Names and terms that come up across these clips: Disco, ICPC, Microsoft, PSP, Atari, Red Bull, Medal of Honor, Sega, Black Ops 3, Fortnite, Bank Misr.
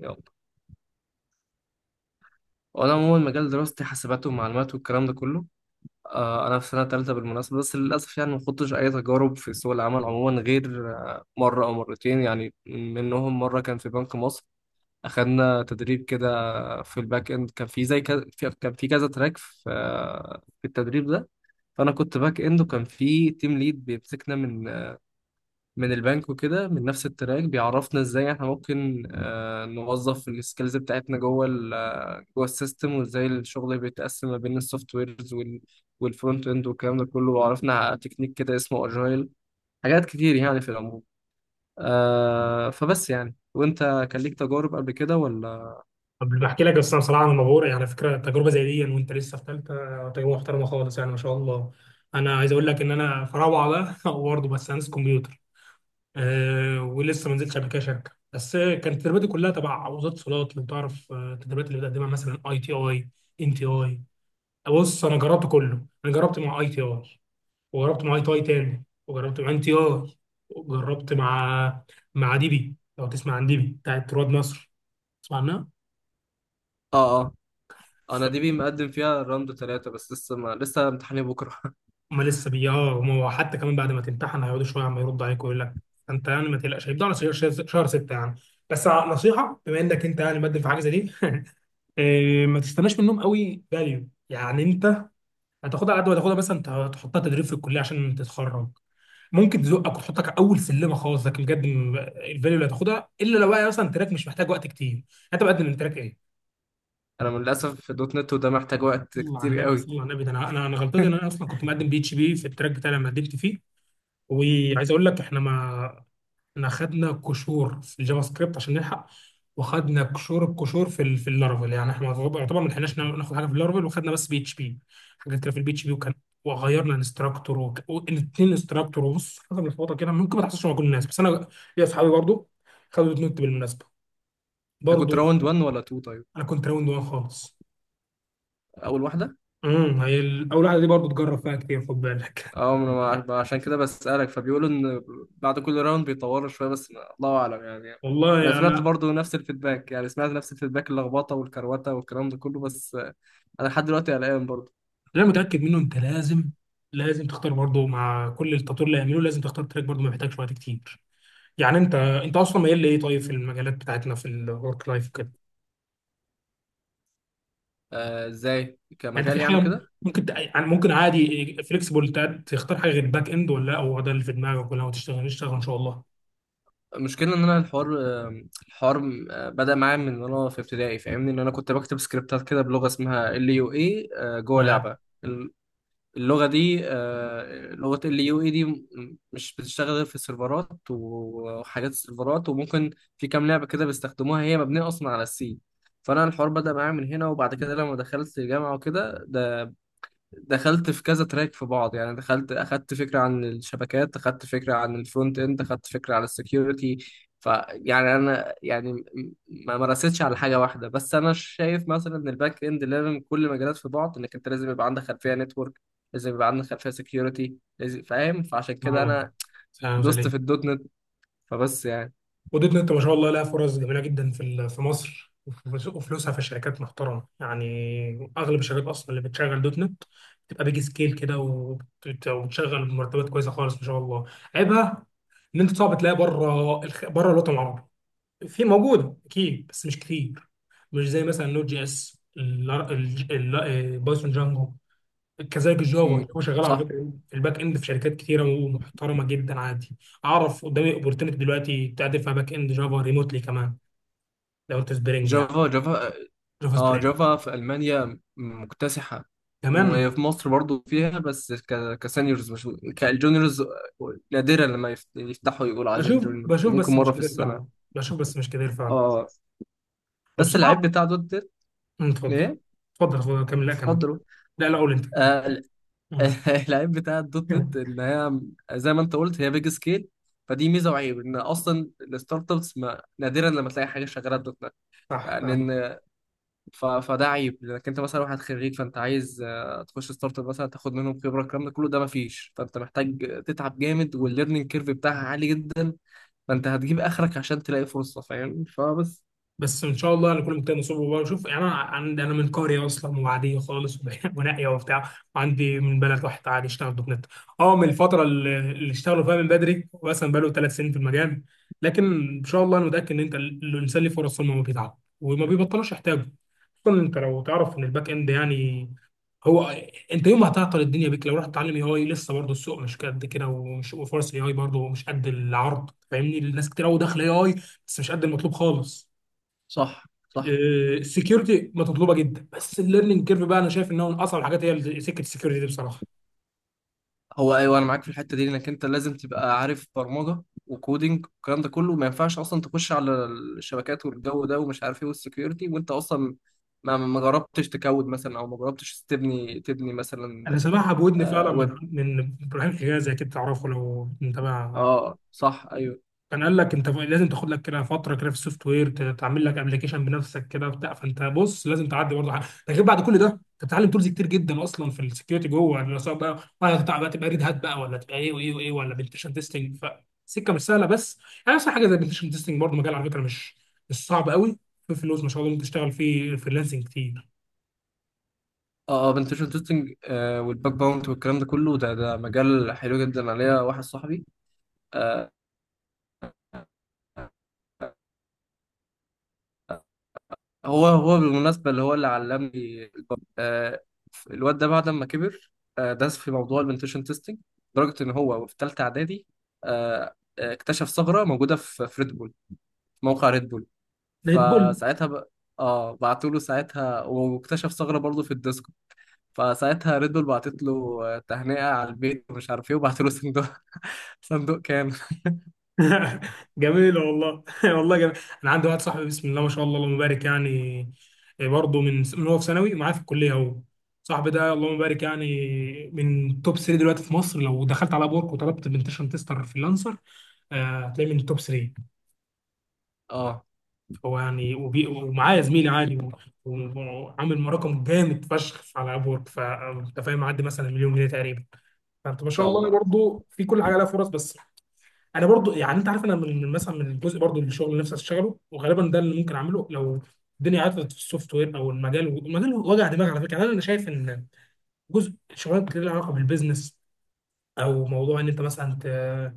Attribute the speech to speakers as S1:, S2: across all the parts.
S1: يلا، وانا عموما مجال دراستي حاسبات ومعلومات والكلام ده كله. انا في سنه ثالثه بالمناسبه، بس للاسف يعني ما خضتش اي تجارب في سوق العمل عموما غير مره او مرتين. يعني منهم مره كان في بنك مصر، اخدنا تدريب كده في الباك اند. كان في زي كذا، كان في كذا تراك في التدريب ده. فانا كنت باك اند، وكان في تيم ليد بيمسكنا من البنك، وكده من نفس التراك، بيعرفنا ازاي احنا ممكن نوظف السكيلز بتاعتنا جوه ال آه، جوه السيستم، وازاي الشغل بيتقسم ما بين السوفت ويرز والفرونت اند والكلام ده كله. وعرفنا على تكنيك كده اسمه اجايل، حاجات كتير يعني في العموم. فبس يعني، وانت كان ليك تجارب قبل كده ولا؟
S2: قبل بحكي لك بس بصراحه انا مبهور يعني على فكره تجربه زي دي وانت لسه في ثالثه تجربه محترمه خالص يعني ما شاء الله. انا عايز اقول لك ان انا في روعه بقى برضه بس هندسه كمبيوتر. ولسه ما نزلتش قبل كده شركه، بس كانت تدريباتي كلها تبع وزاره الاتصالات. لو تعرف التدريبات اللي بتقدمها مثلا اي تي اي، ان تي اي. بص انا جربت كله، انا جربت مع اي تي اي وجربت مع اي تي اي تاني، وجربت مع ان تي اي، وجربت مع ديبي. لو تسمع عن ديبي بتاعت رواد مصر، تسمع عنها؟
S1: اه اه،
S2: ف
S1: انا دي بي مقدم فيها راوند 3، بس لسه ما لسه امتحاني بكرة.
S2: هما لسه بي اه هما هو حتى كمان بعد ما تمتحن هيقعدوا شويه عم يردوا عليك ويقول لك انت يعني ما تقلقش، هيبدأوا على شهر شهر ستة يعني. بس نصيحه، بما انك انت يعني مقدم في حاجه زي دي ما تستناش منهم قوي فاليو، يعني انت هتاخدها على قد ما تاخدها بس انت هتحطها تدريب في الكليه عشان تتخرج. ممكن تزقك وتحطك اول سلمه خالص، لكن بجد الفاليو اللي هتاخدها، الا لو بقى مثلا تراك مش محتاج وقت كتير. انت مقدم من تراك ايه؟
S1: انا للاسف في دوت نت، وده محتاج وقت
S2: صلى على
S1: كتير
S2: النبي،
S1: قوي.
S2: صلى على النبي. ده انا أنا غلطتي ان انا اصلا كنت مقدم بي اتش بي في التراك بتاعي لما قدمت فيه. وعايز اقول لك احنا ما احنا خدنا كشور في الجافا سكريبت عشان نلحق، وخدنا كشور في في اللارفل، يعني احنا يعتبر ما لحقناش ناخد حاجه في اللارفل، وخدنا بس بي اتش بي حاجات كده في البي اتش بي. وغيرنا انستراكتور الاثنين انستراكتور. وبص، حاجه ملخبطه كده، ممكن ما تحصلش مع كل الناس، بس انا ليا اصحابي برضو خدوا الاثنين بالمناسبه
S1: انت
S2: برضو.
S1: كنت راوند 1 ولا 2 طيب؟
S2: انا كنت راوند وان خالص.
S1: اول واحدة.
S2: امم، هي اول واحده دي برضو تجرب فيها كتير، خد بالك.
S1: اه، ما أنا عشان كده بسألك، فبيقولوا ان بعد كل راوند بيطوروا شويه، بس الله اعلم يعني. انا
S2: والله
S1: سمعت
S2: انا
S1: برضو نفس الفيدباك، يعني سمعت نفس الفيدباك، اللخبطه والكروته والكلام ده كله، بس انا لحد دلوقتي قلقان برضو.
S2: اللي انا متاكد منه انت لازم، تختار برضو مع كل التطوير اللي هيعمله، لازم تختار تراك برضو ما بيحتاجش وقت كتير. يعني انت اصلا مايل لايه؟ طيب في المجالات بتاعتنا في الورك لايف كده،
S1: ازاي
S2: يعني انت في
S1: كمجال يعني
S2: حاجه
S1: كده؟
S2: ممكن يعني ممكن عادي فليكسبل تختار حاجه غير باك اند ولا لا هو ده اللي في دماغك؟ ولا هو تشتغل اشتغل ان شاء الله.
S1: المشكله ان انا الحوار بدأ معايا من ان انا في ابتدائي، فاهمني؟ ان انا كنت بكتب سكريبتات كده بلغه اسمها ال يو اي، جوه
S2: يا
S1: لعبه. اللغة دي، لغة ال يو اي دي، مش بتشتغل غير في السيرفرات وحاجات السيرفرات. وممكن في كام لعبة كده بيستخدموها، هي مبنية أصلا على السي. فأنا الحوار بدأ معايا من هنا. وبعد كده لما دخلت الجامعة وكده، ده دخلت في كذا تراك في بعض، يعني دخلت اخدت فكره عن الشبكات، اخدت فكره عن الفرونت اند، اخدت فكره عن السكيورتي. فيعني انا يعني ما مارستش على حاجه واحده، بس انا شايف مثلا ان الباك اند لازم كل مجالات في بعض، انك انت لازم يبقى عندك خلفيه نتورك، لازم يبقى عندك خلفيه سكيورتي، لازم فاهم. فعشان كده
S2: اه
S1: انا
S2: فاهم
S1: دوست
S2: زي
S1: في الدوت نت. فبس يعني.
S2: ودوت نت، ما شاء الله لها فرص جميله جدا في في مصر، وفلوسها في الشركات محترمه. يعني اغلب الشركات اصلا اللي بتشغل دوت نت بتبقى بيج سكيل كده، وبتشغل بمرتبات كويسه خالص ما شاء الله. عيبها ان انت صعب تلاقي بره الوطن العربي. في موجوده اكيد بس مش كتير، مش زي مثلا نوت جي اس بايثون جانجو. كذلك الجافا،
S1: امم،
S2: هو شغال على
S1: صح.
S2: فكره الباك اند في شركات كتيره ومحترمه جدا عادي. اعرف قدامي اوبورتونيتي دلوقتي تعدل فيها باك اند جافا ريموتلي كمان، لو انت سبرينج يعني،
S1: جافا جافا.
S2: جافا
S1: اه،
S2: سبرينج.
S1: جافا في ألمانيا مكتسحة.
S2: كمان
S1: وفي مصر برضو فيها بس كسينيورز، مش كالجونيورز. نادرا لما يفتحوا يقولوا عايزين
S2: بشوف
S1: جونيور،
S2: بشوف
S1: ممكن
S2: بس مش
S1: مرة في
S2: كتير
S1: السنة.
S2: فعلا. بشوف بس مش كتير فعلا.
S1: اه. بس
S2: وبصراحه،
S1: العيب بتاع دوت نت،
S2: أمم، اتفضل.
S1: ايه؟
S2: اتفضل كمل، لا كمل.
S1: اتفضلوا.
S2: لا لا، قول انت.
S1: آه ال-
S2: أمم.
S1: العيب بتاع الدوت نت، ان هي زي ما انت قلت، هي بيج سكيل. فدي ميزة وعيب، ان اصلا الستارت ابس، نادرا لما تلاقي حاجة شغالة بدوت نت
S2: صح.
S1: يعني. فده عيب، لانك انت مثلا واحد خريج، فانت عايز تخش ستارت اب مثلا، تاخد منهم خبره الكلام ده كله، ده مفيش. فانت محتاج تتعب جامد، والليرنينج كيرف بتاعها عالي جدا. فانت هتجيب اخرك عشان تلاقي فرصه، فاهم؟ فبس.
S2: بس ان شاء الله هنكون مجتهد نصيب. وبقى شوف، يعني انا عندي، انا من قريه اصلا وعاديه خالص ونائيه وبتاع، وعندي من بلد واحد عادي يشتغل دوت نت. اه، من الفتره اللي اشتغلوا فيها من بدري، مثلا بقاله ثلاث سنين في المجال. لكن ان شاء الله انا متاكد ان انت الانسان ليه فرص طول ما هو بيتعب وما بيبطلوش يحتاجه. خصوصا انت لو تعرف ان الباك اند يعني هو، انت يوم ما هتعطل الدنيا بيك لو رحت تتعلم اي اي، لسه برضه السوق مش قد كده، وفرص الاي اي برضه مش قد العرض. فاهمني، الناس كتير قوي داخله اي اي بس مش قد المطلوب خالص.
S1: صح صح.
S2: السكيورتي مطلوبه جدا، بس الليرنينج كيرف بقى انا شايف ان هو من اصعب الحاجات، هي سكه السكيورتي دي بصراحه.
S1: هو ايوه، انا معاك في الحته دي، انك انت لازم تبقى عارف برمجه وكودينج والكلام ده كله، ما ينفعش اصلا تخش على الشبكات والجو ده ومش عارف ايه والسكيورتي، وانت اصلا ما جربتش تكود مثلا، او ما جربتش تبني
S2: انا
S1: مثلا.
S2: سامعها بودني فعلا من
S1: ويب.
S2: ابراهيم حجازي، اكيد تعرفه لو متابع.
S1: اه صح ايوه.
S2: كان قال لك انت لازم تاخد لك كده فتره كده في السوفت وير تعمل لك ابلكيشن بنفسك كده بتاع. فانت بص لازم تعدي برضه حاجه. ده غير بعد كل ده انت بتتعلم تولز كتير جدا اصلا في السكيورتي جوه، يعني سواء بقى ولا هتبقى بقى، تبقى ريد هات بقى ولا تبقى ايه وايه وايه ولا بنتشن تيستنج. فسكه مش سهله. بس يعني اصلا حاجه زي بنتشن تيستنج برضه مجال على فكره، مش صعب قوي، في فلوس ما شاء الله، ممكن تشتغل فيه فريلانسنج كتير.
S1: اه، بنتشن تيستنج والباك باونت والكلام ده كله، ده مجال حلو جدا عليا. واحد صاحبي، آه هو بالمناسبة اللي هو اللي علمني الباك. الواد ده بعد ما كبر، داس في موضوع البنتشن تيستنج، لدرجة ان هو في ثالثة اعدادي، اكتشف ثغرة موجودة في ريد بول، في موقع ريد بول.
S2: ده هيت بول.
S1: فساعتها ب... اه، بعتوا له ساعتها، واكتشف ثغرة برضه في الديسكو. فساعتها ريد بول بعتت له تهنئة على البيت ومش عارف ايه، وبعتوا له صندوق. صندوق كام!
S2: جميلة والله. والله جميل. أنا عندي واحد صاحبي، بسم الله ما شاء الله اللهم بارك يعني، برضه من هو في ثانوي ومعاه في الكلية. هو صاحبي ده، اللهم بارك، يعني من توب 3 دلوقتي في مصر. لو دخلت على أبورك وطلبت بنتشن تستر فريلانسر، هتلاقيه من التوب 3.
S1: اه،
S2: هو يعني ومعاه زميلي عادي، وعامل رقم جامد فشخ على أبورك، فأنت فاهم، معدي مثلا مليون جنيه تقريبا. فأنت ما شاء
S1: شاء
S2: الله
S1: الله.
S2: برضه في كل حاجة لها فرص. بس انا برضو، يعني انت عارف، انا من مثلا، من الجزء برضو من الشغل اللي نفسي اشتغله، وغالبا ده اللي ممكن اعمله لو الدنيا عطلت في السوفت وير او المجال. المجال وجع دماغ على فكره، يعني انا شايف ان جزء شغلات كتير لها علاقه بالبيزنس. او موضوع ان انت مثلا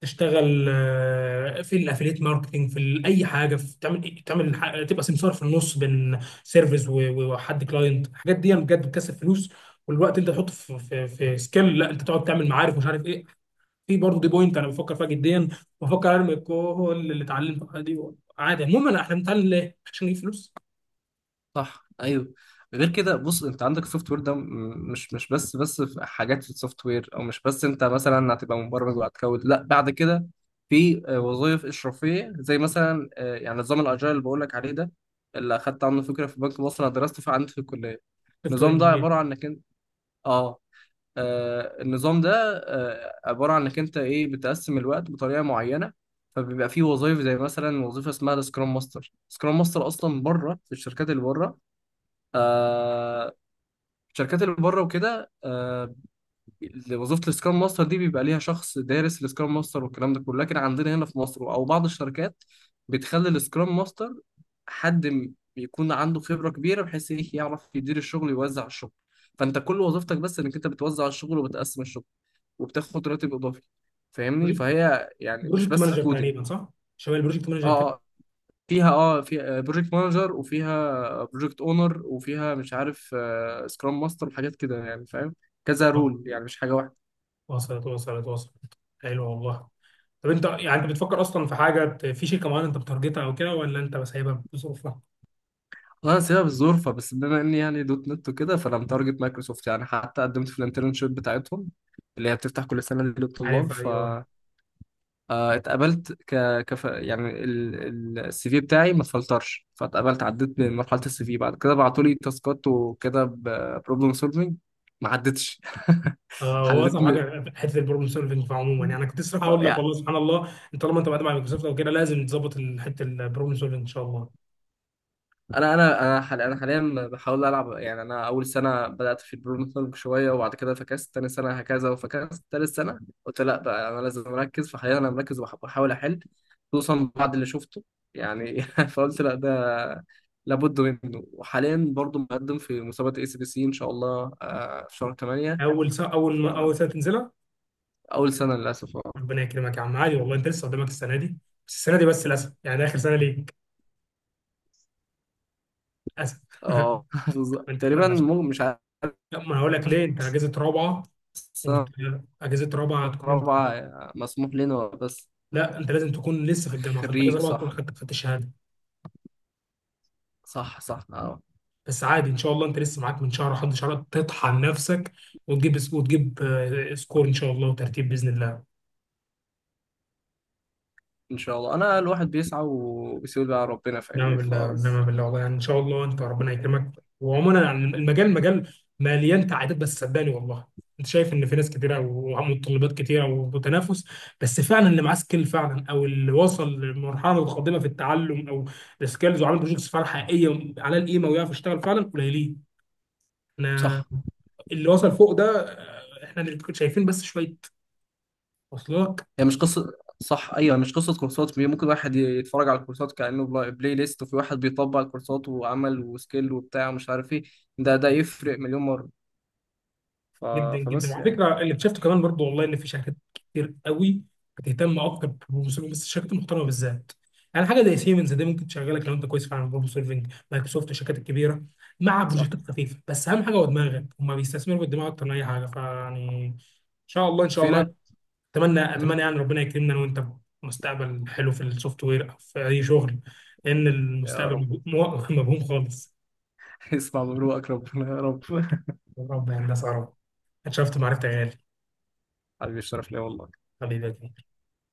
S2: تشتغل في الافيليت ماركتنج، في اي حاجه، في تعمل، تعمل تبقى سمسار في النص بين سيرفيس وحد كلاينت. الحاجات دي بجد بتكسب فلوس، والوقت انت تحطه في في سكيل، لا انت تقعد تعمل معارف ومش عارف ايه. في برضه دي بوينت انا بفكر فيها جديا، بفكر ارمي كل اللي اتعلمته دي عادي. عموما احنا بنتعلم ليه؟ عشان نجيب فلوس.
S1: صح ايوه. غير كده، بص، انت عندك السوفت وير ده، مش بس في حاجات في السوفت وير، او مش بس انت مثلا هتبقى مبرمج وهتكود، لا، بعد كده في وظائف اشرافيه زي مثلا يعني نظام الاجايل اللي بقول لك عليه ده، اللي اخدت عنه فكره في بنك مصر، انا درست فيه عندي في الكليه.
S2: سوفت وير
S1: النظام ده
S2: انجينير،
S1: عباره عن انك انت، اه، النظام ده عبارة عن انك انت، ايه، بتقسم الوقت بطريقة معينة. فبيبقى فيه وظائف زي مثلا وظيفة اسمها سكرام ماستر. سكرام ماستر اصلا بره في الشركات اللي بره، آه، الشركات اللي بره وكده، وظيفه السكرام ماستر دي بيبقى ليها شخص دارس السكرام ماستر والكلام ده كله. لكن عندنا هنا في مصر او بعض الشركات، بتخلي السكرام ماستر حد، بيكون عنده خبره كبيره، بحيث ايه، يعرف يدير الشغل ويوزع الشغل. فانت كل وظيفتك بس انك انت بتوزع الشغل وبتقسم الشغل، وبتاخد راتب اضافي. فاهمني؟ فهي يعني مش
S2: بروجكت
S1: بس
S2: مانجر
S1: كودينج.
S2: تقريبا صح؟ شباب البروجكت
S1: اه
S2: مانجر كده.
S1: آه، فيها، فيها بروجكت مانجر، وفيها بروجكت اونر، وفيها مش عارف، سكرام ماستر وحاجات كده يعني، فاهم؟ كذا
S2: آه،
S1: رول، يعني مش حاجه.
S2: وصلت، وصلت، وصلت. حلو والله. طب انت يعني انت بتفكر اصلا في حاجه في شركه معينه انت بتارجتها او كده، ولا انت بس سايبها بظروفها؟
S1: اه، سبب الظروف. بس بما اني يعني دوت نت وكده، فانا متارجت مايكروسوفت. يعني حتى قدمت في الانترنشيب بتاعتهم، اللي هي بتفتح كل سنه للطلاب.
S2: عارف،
S1: ف
S2: ايوه.
S1: اتقبلت، كف يعني السي في بتاعي ما اتفلترش، فاتقبلت، عديت من مرحله السي في. بعد كده بعتوا لي تاسكات وكده، بروبلم سولفنج، ما عدتش.
S2: اه، هو
S1: حليت.
S2: اصعب حاجه حته البروبلم سولفنج عموما،
S1: م...
S2: يعني انا كنت لسه هقول لك والله سبحان الله. انت طالما انت بعد مع مايكروسوفت او كده، لازم تظبط حته البروبلم سولفنج ان شاء الله.
S1: انا انا انا حال- انا حاليا بحاول العب، يعني انا اول سنه بدات في البرومتنج شويه، وبعد كده فكست تاني سنه، هكذا، وفكست تالت سنه، قلت لا بقى، انا لازم اركز. فحاليا انا مركز، وبحاول احل، خصوصا بعد اللي شفته يعني. فقلت لا، ده لابد منه. وحاليا برضو مقدم في مسابقه اي سي بي سي ان شاء الله، في شهر 8.
S2: اول سنه، اول ما
S1: فاول
S2: اول سنه تنزلها؟
S1: سنه للاسف. اه
S2: ربنا يكرمك يا عم، عادي والله، انت لسه قدامك السنه دي. بس السنه دي بس للاسف، يعني ده اخر سنه ليك، للاسف.
S1: آه، بالظبط.
S2: ما انت
S1: تقريبا، مش عارف.
S2: لا، ما أنا هقول لك ليه. انت اجازه رابعه، انت
S1: سنه
S2: اجازه رابعه هتكون انت،
S1: رابعه، مسموح لنا بس.
S2: لا انت لازم تكون لسه في الجامعه. فانت اجازه
S1: خريج،
S2: رابعه تكون
S1: صح.
S2: خدت الشهاده.
S1: صح صح.
S2: بس عادي ان شاء الله، انت لسه معاك من شهر لحد شهر تطحن نفسك وتجيب، سكور ان شاء الله وترتيب باذن الله.
S1: ان شاء الله. انا الواحد بيسعى، وبيسيب بقى ربنا،
S2: نعم
S1: فاهمني؟
S2: بالله،
S1: فبس.
S2: نعم بالله، والله يعني ان شاء الله انت ربنا يكرمك. وعموما يعني المجال، مجال مليان تعقيدات، بس صدقني والله انت شايف ان في ناس كتيره ومتطلبات كتيره وتنافس. بس فعلا اللي معاه سكيل فعلا، او اللي وصل لمرحله القادمه في التعلم او السكيلز، وعمل بروجكتس فعلا حقيقيه على القيمه ويعرف يشتغل فعلا، قليلين. انا،
S1: صح.
S2: اللي وصل فوق ده، احنا اللي شايفين بس شويه، وصلك؟
S1: هي مش قصه. صح، ايوه، مش قصه كورسات. ممكن واحد يتفرج على الكورسات كانه بلاي ليست، وفي واحد بيطبق الكورسات وعمل وسكيل وبتاع ومش عارف ايه. ده يفرق مليون مره. ف...
S2: جدا جدا.
S1: فبس
S2: وعلى
S1: يعني.
S2: فكره اللي اكتشفته كمان برضو والله، ان في شركات كتير قوي بتهتم اكتر بالبروبلم سولفنج، بس الشركات المحترمه بالذات. يعني حاجه زي سيمنز دي ممكن تشغلك لو انت كويس فعلا بروبلم سولفنج، مايكروسوفت، الشركات الكبيره، مع
S1: صح.
S2: بروجكتات خفيفه، بس اهم حاجه هو دماغك، هم بيستثمروا بالدماغ اكتر من اي حاجه. فيعني ان شاء الله، ان شاء
S1: في
S2: الله.
S1: ناس.
S2: اتمنى،
S1: مم.
S2: اتمنى يعني ربنا يكرمنا أنا وانت مستقبل حلو في السوفت وير او في اي شغل، لان
S1: يا
S2: المستقبل
S1: رب.
S2: مبهوم خالص.
S1: اسمع من روحك ربنا، يا رب.
S2: يا رب، يا هندسه يا رب. اتشرفت معرفتك يا غالي.
S1: حبيبي، الشرف ليا والله.
S2: حبيبي.